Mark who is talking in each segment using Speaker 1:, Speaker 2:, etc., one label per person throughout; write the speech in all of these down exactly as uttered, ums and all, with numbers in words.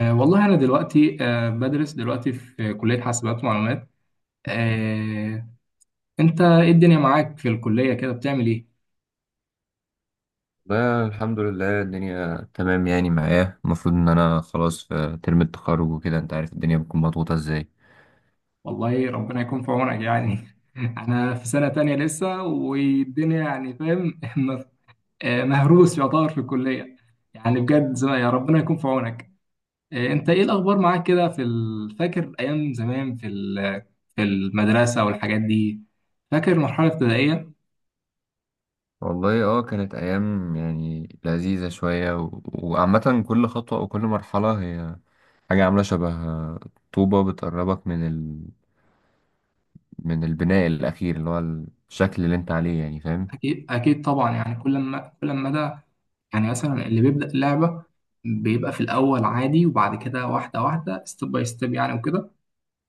Speaker 1: أه والله أنا دلوقتي أه بدرس دلوقتي في كلية حاسبات ومعلومات. أه أنت إيه الدنيا معاك في الكلية كده بتعمل إيه؟
Speaker 2: لا، الحمد لله. الدنيا تمام يعني معايا. المفروض ان انا خلاص في ترم التخرج وكده، انت عارف الدنيا بتكون مضغوطة ازاي.
Speaker 1: والله ربنا يكون في عونك يعني، أنا في سنة تانية لسه والدنيا يعني فاهم، مف- آه، مهروس يعتبر في الكلية. يعني بجد زي يا ربنا يكون في عونك. أه أنت إيه الأخبار معاك كده في ال- فاكر أيام زمان في ال- في المدرسة والحاجات دي. فاكر المرحلة الابتدائية؟
Speaker 2: والله اه كانت ايام يعني لذيذة شوية و... وعامة كل خطوة او كل مرحلة هي حاجة عاملة شبه طوبة بتقربك من ال... من البناء الاخير اللي هو الشكل اللي انت عليه، يعني فاهم.
Speaker 1: أكيد أكيد طبعا، يعني كل ما كل ما ده، يعني مثلا اللي بيبدأ اللعبة بيبقى في الأول عادي، وبعد كده واحدة واحدة، ستيب باي ستيب، يعني وكده.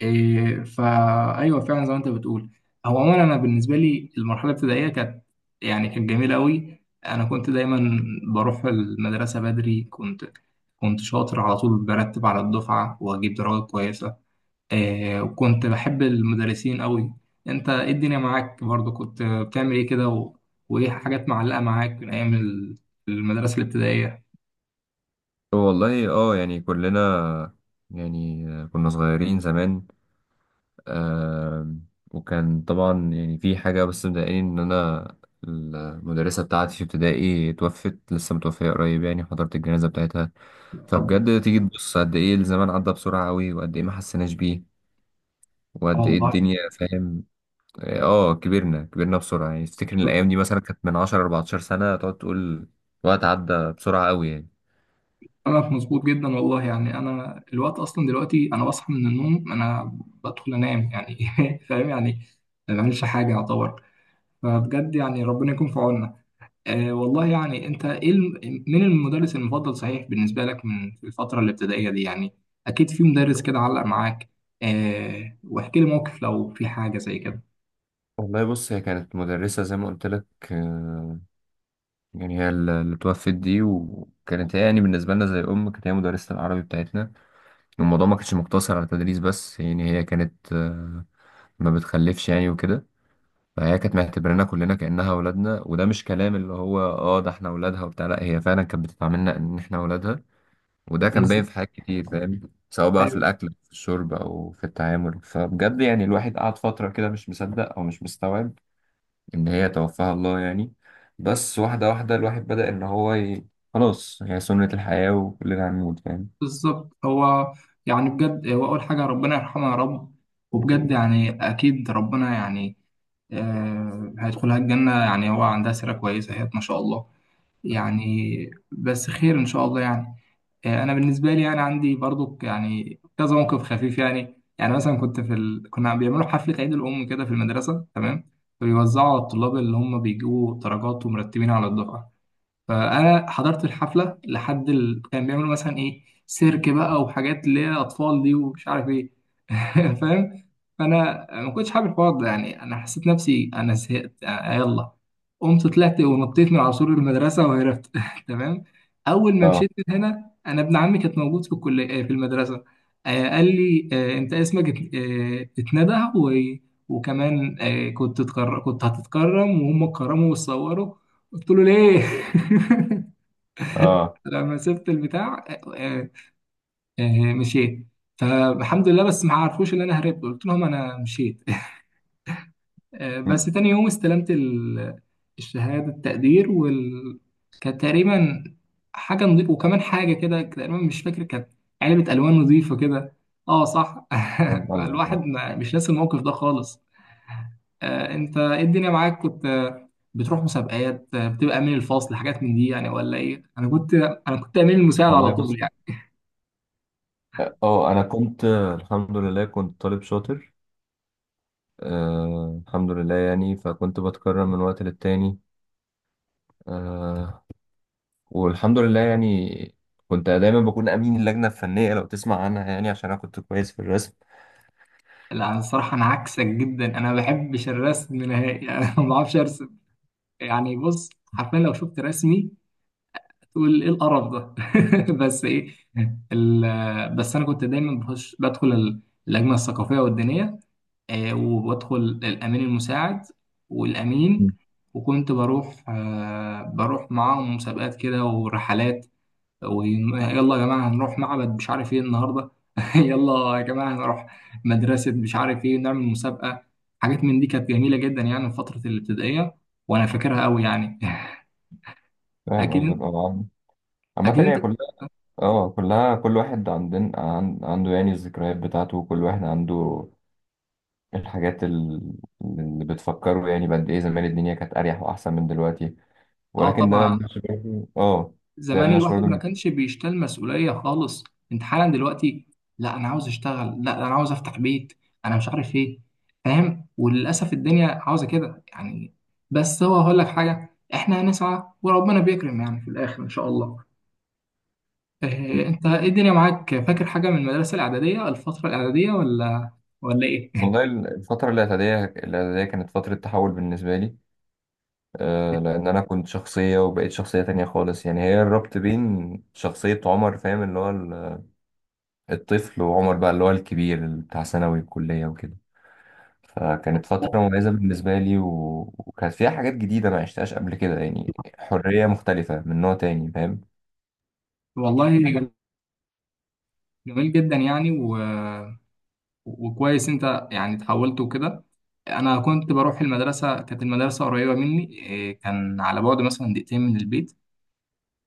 Speaker 1: إيه، فأيوه فعلا زي ما أنت بتقول. هو عموما أنا بالنسبة لي المرحلة الابتدائية كانت يعني كانت جميلة أوي. أنا كنت دايما بروح المدرسة بدري، كنت كنت شاطر على طول، برتب على الدفعة وأجيب درجات كويسة. آه، وكنت بحب المدرسين قوي. انت ايه الدنيا معاك؟ برضو كنت بتعمل ايه كده و وايه حاجات معلقة معاك من ايام ال- المدرسة الابتدائية؟
Speaker 2: والله اه يعني كلنا يعني كنا صغيرين زمان. آه وكان طبعا يعني في حاجة بس مضايقاني إن أنا المدرسة بتاعتي في ابتدائي توفت، لسه متوفية قريب، يعني حضرت الجنازة بتاعتها.
Speaker 1: ربنا.
Speaker 2: فبجد تيجي تبص قد إيه الزمان عدى بسرعة أوي، وقد إيه ما حسيناش بيه، وقد إيه
Speaker 1: والله
Speaker 2: الدنيا، فاهم. آه كبرنا كبرنا بسرعة، يعني تفتكر إن الأيام دي مثلا كانت من عشر أربعتاشر سنة، تقعد تقول الوقت عدى بسرعة أوي يعني.
Speaker 1: انا مظبوط جدا والله، يعني انا الوقت اصلا دلوقتي، انا بصحى من النوم، انا بدخل انام يعني. فاهم يعني. ما بعملش حاجة يعتبر. فبجد يعني ربنا يكون في عوننا. آه والله يعني، انت ايه الم- مين المدرس المفضل صحيح بالنسبه لك من في الفتره الابتدائيه دي يعني؟ اكيد في مدرس كده علق معاك. آه واحكي لي موقف لو في حاجه زي كده.
Speaker 2: والله بص، هي كانت مدرسة زي ما قلت لك، يعني هي ال- اللي توفت دي، وكانت هي يعني بالنسبة لنا زي أم. كانت هي مدرسة العربي بتاعتنا. الموضوع ما كانش مقتصر على تدريس بس، يعني هي كانت آه، ما بتخلفش يعني وكده. فهي كانت معتبرانا كلنا كأنها أولادنا، وده مش كلام اللي هو اه ده احنا أولادها وبتاع، لا هي فعلا كانت بتتعاملنا إن احنا أولادها. وده كان
Speaker 1: بس
Speaker 2: باين في حاجات كتير، فاهم. سواء بقى في
Speaker 1: ايوه.
Speaker 2: الأكل، في الشرب، أو في التعامل. فبجد يعني الواحد قعد فترة كده مش مصدق أو مش مستوعب إن هي توفاها الله يعني. بس واحدة واحدة الواحد بدأ إن هو ي... خلاص هي سنة الحياة وكلنا هنموت، فاهم.
Speaker 1: بالظبط هو، يعني بجد هو، اول حاجه ربنا يرحمه يا رب. وبجد يعني اكيد ربنا يعني آه هيدخلها الجنه، يعني هو عندها سيره كويسه، هي ما شاء الله. يعني بس خير ان شاء الله يعني. آه، انا بالنسبه لي انا عندي برضو يعني كذا موقف خفيف يعني يعني مثلا كنت في ال... كنا بيعملوا حفله عيد الام كده في المدرسه، تمام. فبيوزعوا على الطلاب اللي هم بيجيبوا درجات ومرتبين على الدفعه. فانا حضرت الحفله لحد ال... كان بيعملوا مثلا ايه، سيرك بقى وحاجات اللي هي اطفال دي ومش عارف ايه. فاهم. فانا ما كنتش حابب الحوار ده، يعني انا حسيت نفسي انا زهقت، آه، يلا قمت طلعت ونطيت من على سور المدرسه وهربت. تمام. اول ما
Speaker 2: اه،
Speaker 1: مشيت من هنا، انا ابن عمي كان موجود في الكليه آه، في المدرسه. آه، قال لي، آه، انت اسمك ات- آه، اتندى و... وكمان آه، كنت تتكر... كنت هتتكرم، وهم اتكرموا وتصوروا. قلت له: ليه؟
Speaker 2: اه،
Speaker 1: لما سبت البتاع. آه، آه، مشيت. فالحمد لله بس ما عرفوش ان انا هربت، قلت لهم انا مشيت. آه، بس
Speaker 2: مم،
Speaker 1: تاني يوم استلمت ال- الشهادة التقدير وال... كانت تقريبا حاجة نظيفة، وكمان حاجة كده تقريبا مش فاكر كانت علبة ألوان نظيفة كده. اه صح.
Speaker 2: فاهم قصدك يعني.
Speaker 1: فالواحد ما- مش ناسي الموقف ده خالص. آه، انت ايه الدنيا معاك؟ كنت آه، بتروح مسابقات، آه، بتبقى امين الفصل، حاجات من دي يعني ولا ايه؟ انا كنت انا كنت امين المساعد على
Speaker 2: والله بص،
Speaker 1: طول يعني.
Speaker 2: اه انا كنت آه، الحمد لله كنت طالب شاطر. آه الحمد لله يعني، فكنت بتكرم من وقت للتاني. آه والحمد لله يعني كنت دايما بكون امين اللجنه الفنيه، لو تسمع عنها، يعني عشان انا كنت كويس في الرسم.
Speaker 1: لا الصراحه انا عكسك جدا، انا ما بحبش الرسم نهائي. انا ما بعرفش ارسم يعني. بص حرفيا لو شفت رسمي تقول: ايه القرف ده؟ بس ايه؟ ال- بس انا كنت دايما بخش بدخل ال- اللجنه الثقافيه والدينيه. آه، وبدخل الامين المساعد والامين.
Speaker 2: مم.
Speaker 1: وكنت بروح آه، بروح معاهم مسابقات كده ورحلات. ويلا يا جماعه هنروح معبد مش عارف ايه النهارده. يلا يا جماعه هنروح مدرسه مش عارف ايه نعمل مسابقه. حاجات من دي كانت جميله جدا يعني في فتره الابتدائيه، وانا فاكرها قوي يعني.
Speaker 2: فاهم
Speaker 1: اكيد.
Speaker 2: قصدك. اه عامة
Speaker 1: اكيد انت.
Speaker 2: هي كلها. اه كلها كل واحد عندنا عن- عنده يعني الذكريات بتاعته، وكل واحد عنده الحاجات ال- اللي بتفكره، يعني بقد ايه زمان الدنيا كانت اريح واحسن من دلوقتي.
Speaker 1: اه
Speaker 2: ولكن ده
Speaker 1: طبعا.
Speaker 2: مش برضه اه ده
Speaker 1: زمان
Speaker 2: مش برضه
Speaker 1: الواحد ما
Speaker 2: اللي-
Speaker 1: كانش بيشتال مسؤولية خالص. انت حالا دلوقتي: لا انا عاوز اشتغل، لا انا عاوز افتح بيت، انا مش عارف ايه. فاهم؟ وللاسف الدنيا عاوزة كده يعني. بس هو هقول لك حاجة، احنا هنسعى وربنا بيكرم يعني في الاخر ان شاء الله. إيه، انت ايه الدنيا معاك، فاكر حاجة من المدرسة الإعدادية، الفترة الإعدادية، ولا ولا ايه؟
Speaker 2: والله الفترة الاعدادية الاعدادية كانت فترة تحول بالنسبة لي. آه لأن أنا كنت شخصية وبقيت شخصية تانية خالص، يعني هي الربط بين شخصية عمر، فاهم، اللي هو ال- الطفل، وعمر بقى اللي هو الكبير بتاع ثانوي الكلية وكده. فكانت فترة مميزة بالنسبة لي و... وكانت فيها حاجات جديدة ما عشتهاش قبل كده يعني. حرية مختلفة من نوع تاني، فاهم.
Speaker 1: والله جميل جدا يعني، و وكويس انت يعني اتحولت وكده. انا كنت بروح المدرسه، كانت المدرسه قريبه مني، إيه، كان على بعد مثلا دقيقتين من البيت،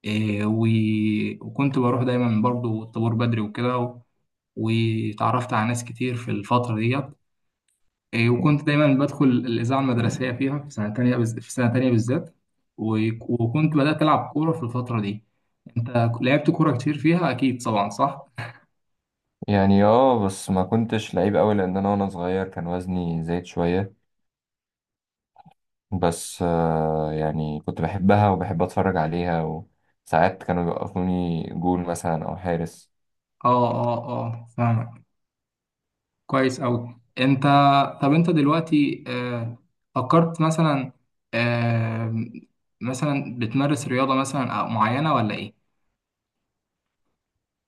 Speaker 1: إيه، و- وكنت بروح دايما برضو الطابور بدري وكده و- وتعرفت على ناس كتير في الفتره ديت. إيه، وكنت دايما بدخل الاذاعه المدرسيه فيها في سنه تانية بز- في سنه تانية بالذات. و- وكنت بدات العب كوره في الفتره دي. انت لعبت كوره كتير فيها اكيد، طبعا صح؟
Speaker 2: يعني اه بس ما كنتش لعيب قوي، لأن أنا وأنا صغير كان وزني زايد شوية. بس آه يعني كنت بحبها وبحب أتفرج عليها. وساعات كانوا بيوقفوني جول مثلا أو حارس.
Speaker 1: اه، اه، اه، فاهمك. كويس أوي أنت. طب أنت دلوقتي، آه، فكرت مثلا، آه، مثلا بتمارس رياضة مثلا أو معينة ولا إيه؟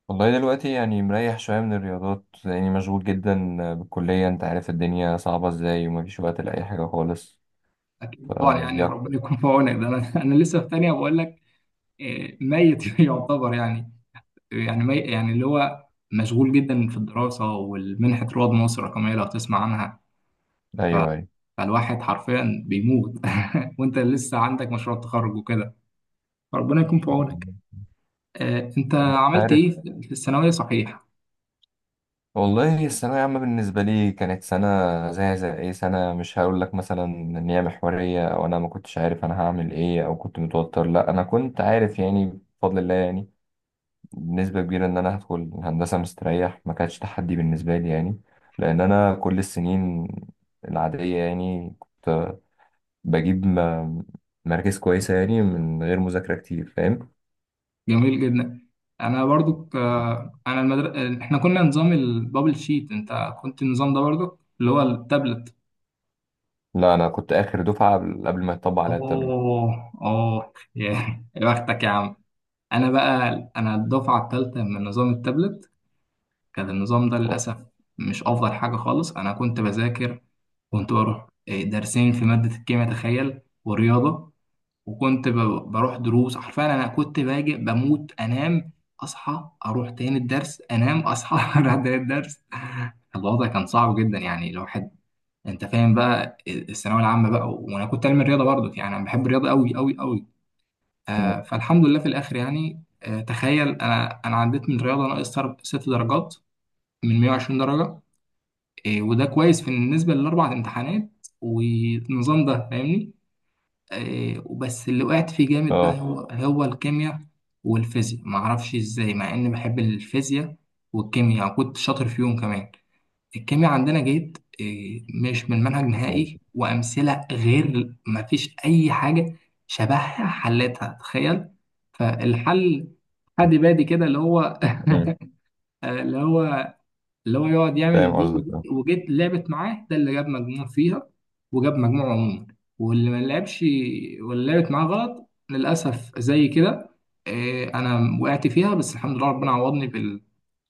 Speaker 2: والله دلوقتي يعني مريح شوية من الرياضات لأني مشغول جدا بالكلية. أنت عارف الدنيا صعبة إزاي ومفيش وقت لأي حاجة خالص.
Speaker 1: أكيد طبعا يعني
Speaker 2: فدي
Speaker 1: ربنا
Speaker 2: أكتر.
Speaker 1: يكون في عونك، ده أنا أنا لسه في تانية بقول لك. آه، ميت يعتبر يعني. يعني مي يعني اللي هو مشغول جدا في الدراسة والمنحة رواد مصر الرقمية، لو تسمع عنها.
Speaker 2: أيوه، أيوه،
Speaker 1: فالواحد حرفيا بيموت. وأنت لسه عندك مشروع تخرج وكده، ربنا يكون في عونك. آه، أنت عملت
Speaker 2: عارف.
Speaker 1: إيه في الثانوية صحيح؟
Speaker 2: والله الثانوية عامة بالنسبة لي كانت سنة زي زي أي سنة. مش هقول لك مثلا إن هي محورية، أو أنا ما كنتش عارف أنا هعمل إيه، أو كنت متوتر. لا أنا كنت عارف يعني، بفضل الله يعني، بنسبة كبيرة إن أنا هدخل هندسة مستريح. ما كانش تحدي بالنسبة لي يعني، لأن أنا كل السنين العادية يعني بجيب م- مراكز كويسة يعني من غير مذاكرة كتير، فاهم.
Speaker 1: جميل جدا. انا برضو ك... انا المدر... احنا كنا نظام البابل شيت، انت كنت النظام ده برضو اللي هو التابلت؟
Speaker 2: لا أنا كنت آخر دفعة قبل قبل ما يطبق عليا التابلت.
Speaker 1: اوه، اوه، يا يا بختك يا عم. انا بقى انا الدفعه الثالثه من نظام التابلت. كان النظام ده
Speaker 2: اه.
Speaker 1: للاسف مش افضل حاجه خالص. انا كنت بذاكر، كنت بروح، إيه، درسين في ماده الكيمياء تخيل والرياضه. وكنت ب- بروح دروس حرفيا، انا كنت باجي بموت انام، اصحى اروح تاني الدرس، انام اصحى اروح تاني الدرس. الوضع كان صعب جدا يعني الواحد. انت فاهم بقى الثانويه العامه بقى، وانا كنت علمي الرياضه برضه، يعني انا بحب الرياضه قوي قوي قوي. آه فالحمد لله في الاخر يعني، آه تخيل انا انا عديت من الرياضه ناقص تر- ست درجات من مية وعشرين درجه. آه وده كويس بالنسبه للاربع امتحانات والنظام ده فاهمني. آه، وبس اللي وقعت فيه جامد بقى
Speaker 2: آه.
Speaker 1: هو هو الكيمياء والفيزياء، معرفش ازاي مع اني بحب الفيزياء والكيمياء، كنت شاطر فيهم كمان. الكيمياء عندنا جيت آه، مش من منهج نهائي، وامثله غير مفيش اي حاجه شبهها حلتها تخيل. فالحل حد بادي كده اللي هو
Speaker 2: مم.
Speaker 1: اللي هو اللي هو يقعد
Speaker 2: فاهم
Speaker 1: يعمل دي ودي،
Speaker 2: قصدك.
Speaker 1: وجيت لعبت معاه، ده اللي جاب مجموع فيها وجاب مجموع عموما. واللي ما لعبش واللي لعبت معاه غلط للأسف زي كده. آه، أنا وقعت فيها، بس الحمد لله ربنا عوضني بال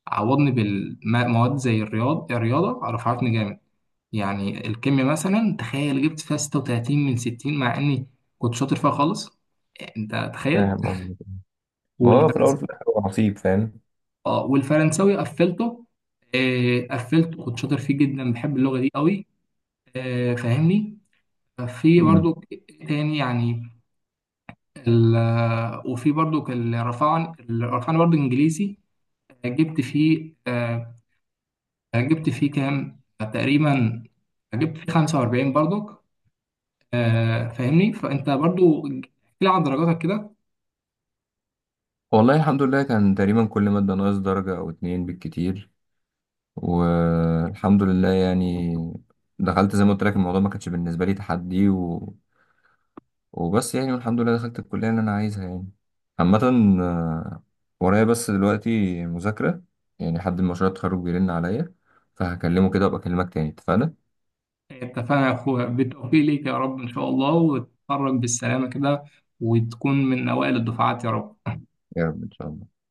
Speaker 1: عوضني بالمواد، زي الرياض الرياضة رفعتني جامد. يعني الكيمياء مثلا تخيل جبت فيها ستة وثلاثين من ستين، مع إني كنت شاطر فيها خالص. أنت تخيل.
Speaker 2: فاهم قصدك. ما هو في الأول
Speaker 1: والفرنسي
Speaker 2: وفي الآخر هو نصيب، فاهم.
Speaker 1: اه والفرنساوي قفلته، آه، قفلته كنت شاطر فيه جدا، بحب اللغة دي قوي. آه، فاهمني. في
Speaker 2: مم.
Speaker 1: برضو تاني يعني، ال آه، وفي برضو الرفعن الرفعن برضو انجليزي. جبت فيه آه، جبت فيه كام تقريبا، جبت فيه خمسة وأربعين برضو. آه، فاهمني، فانت برضو احكي لي عن درجاتك كده.
Speaker 2: والله الحمد لله كان تقريبا كل مادة ناقص درجة أو اتنين بالكتير، والحمد لله يعني. دخلت زي ما قلت لك، الموضوع ما كانش بالنسبة لي تحدي و... وبس يعني، والحمد لله دخلت الكلية اللي أنا عايزها يعني. عامة، آه، ورايا بس دلوقتي مذاكرة، يعني حد من مشروع التخرج بيرن عليا، فهكلمه كده وأبقى أكلمك تاني، اتفقنا؟
Speaker 1: اتفقنا يا اخويا، بالتوفيق ليك يا رب ان شاء الله، وتتخرج بالسلامة كده، وتكون من اوائل الدفعات يا رب.
Speaker 2: يا رب إن شاء الله.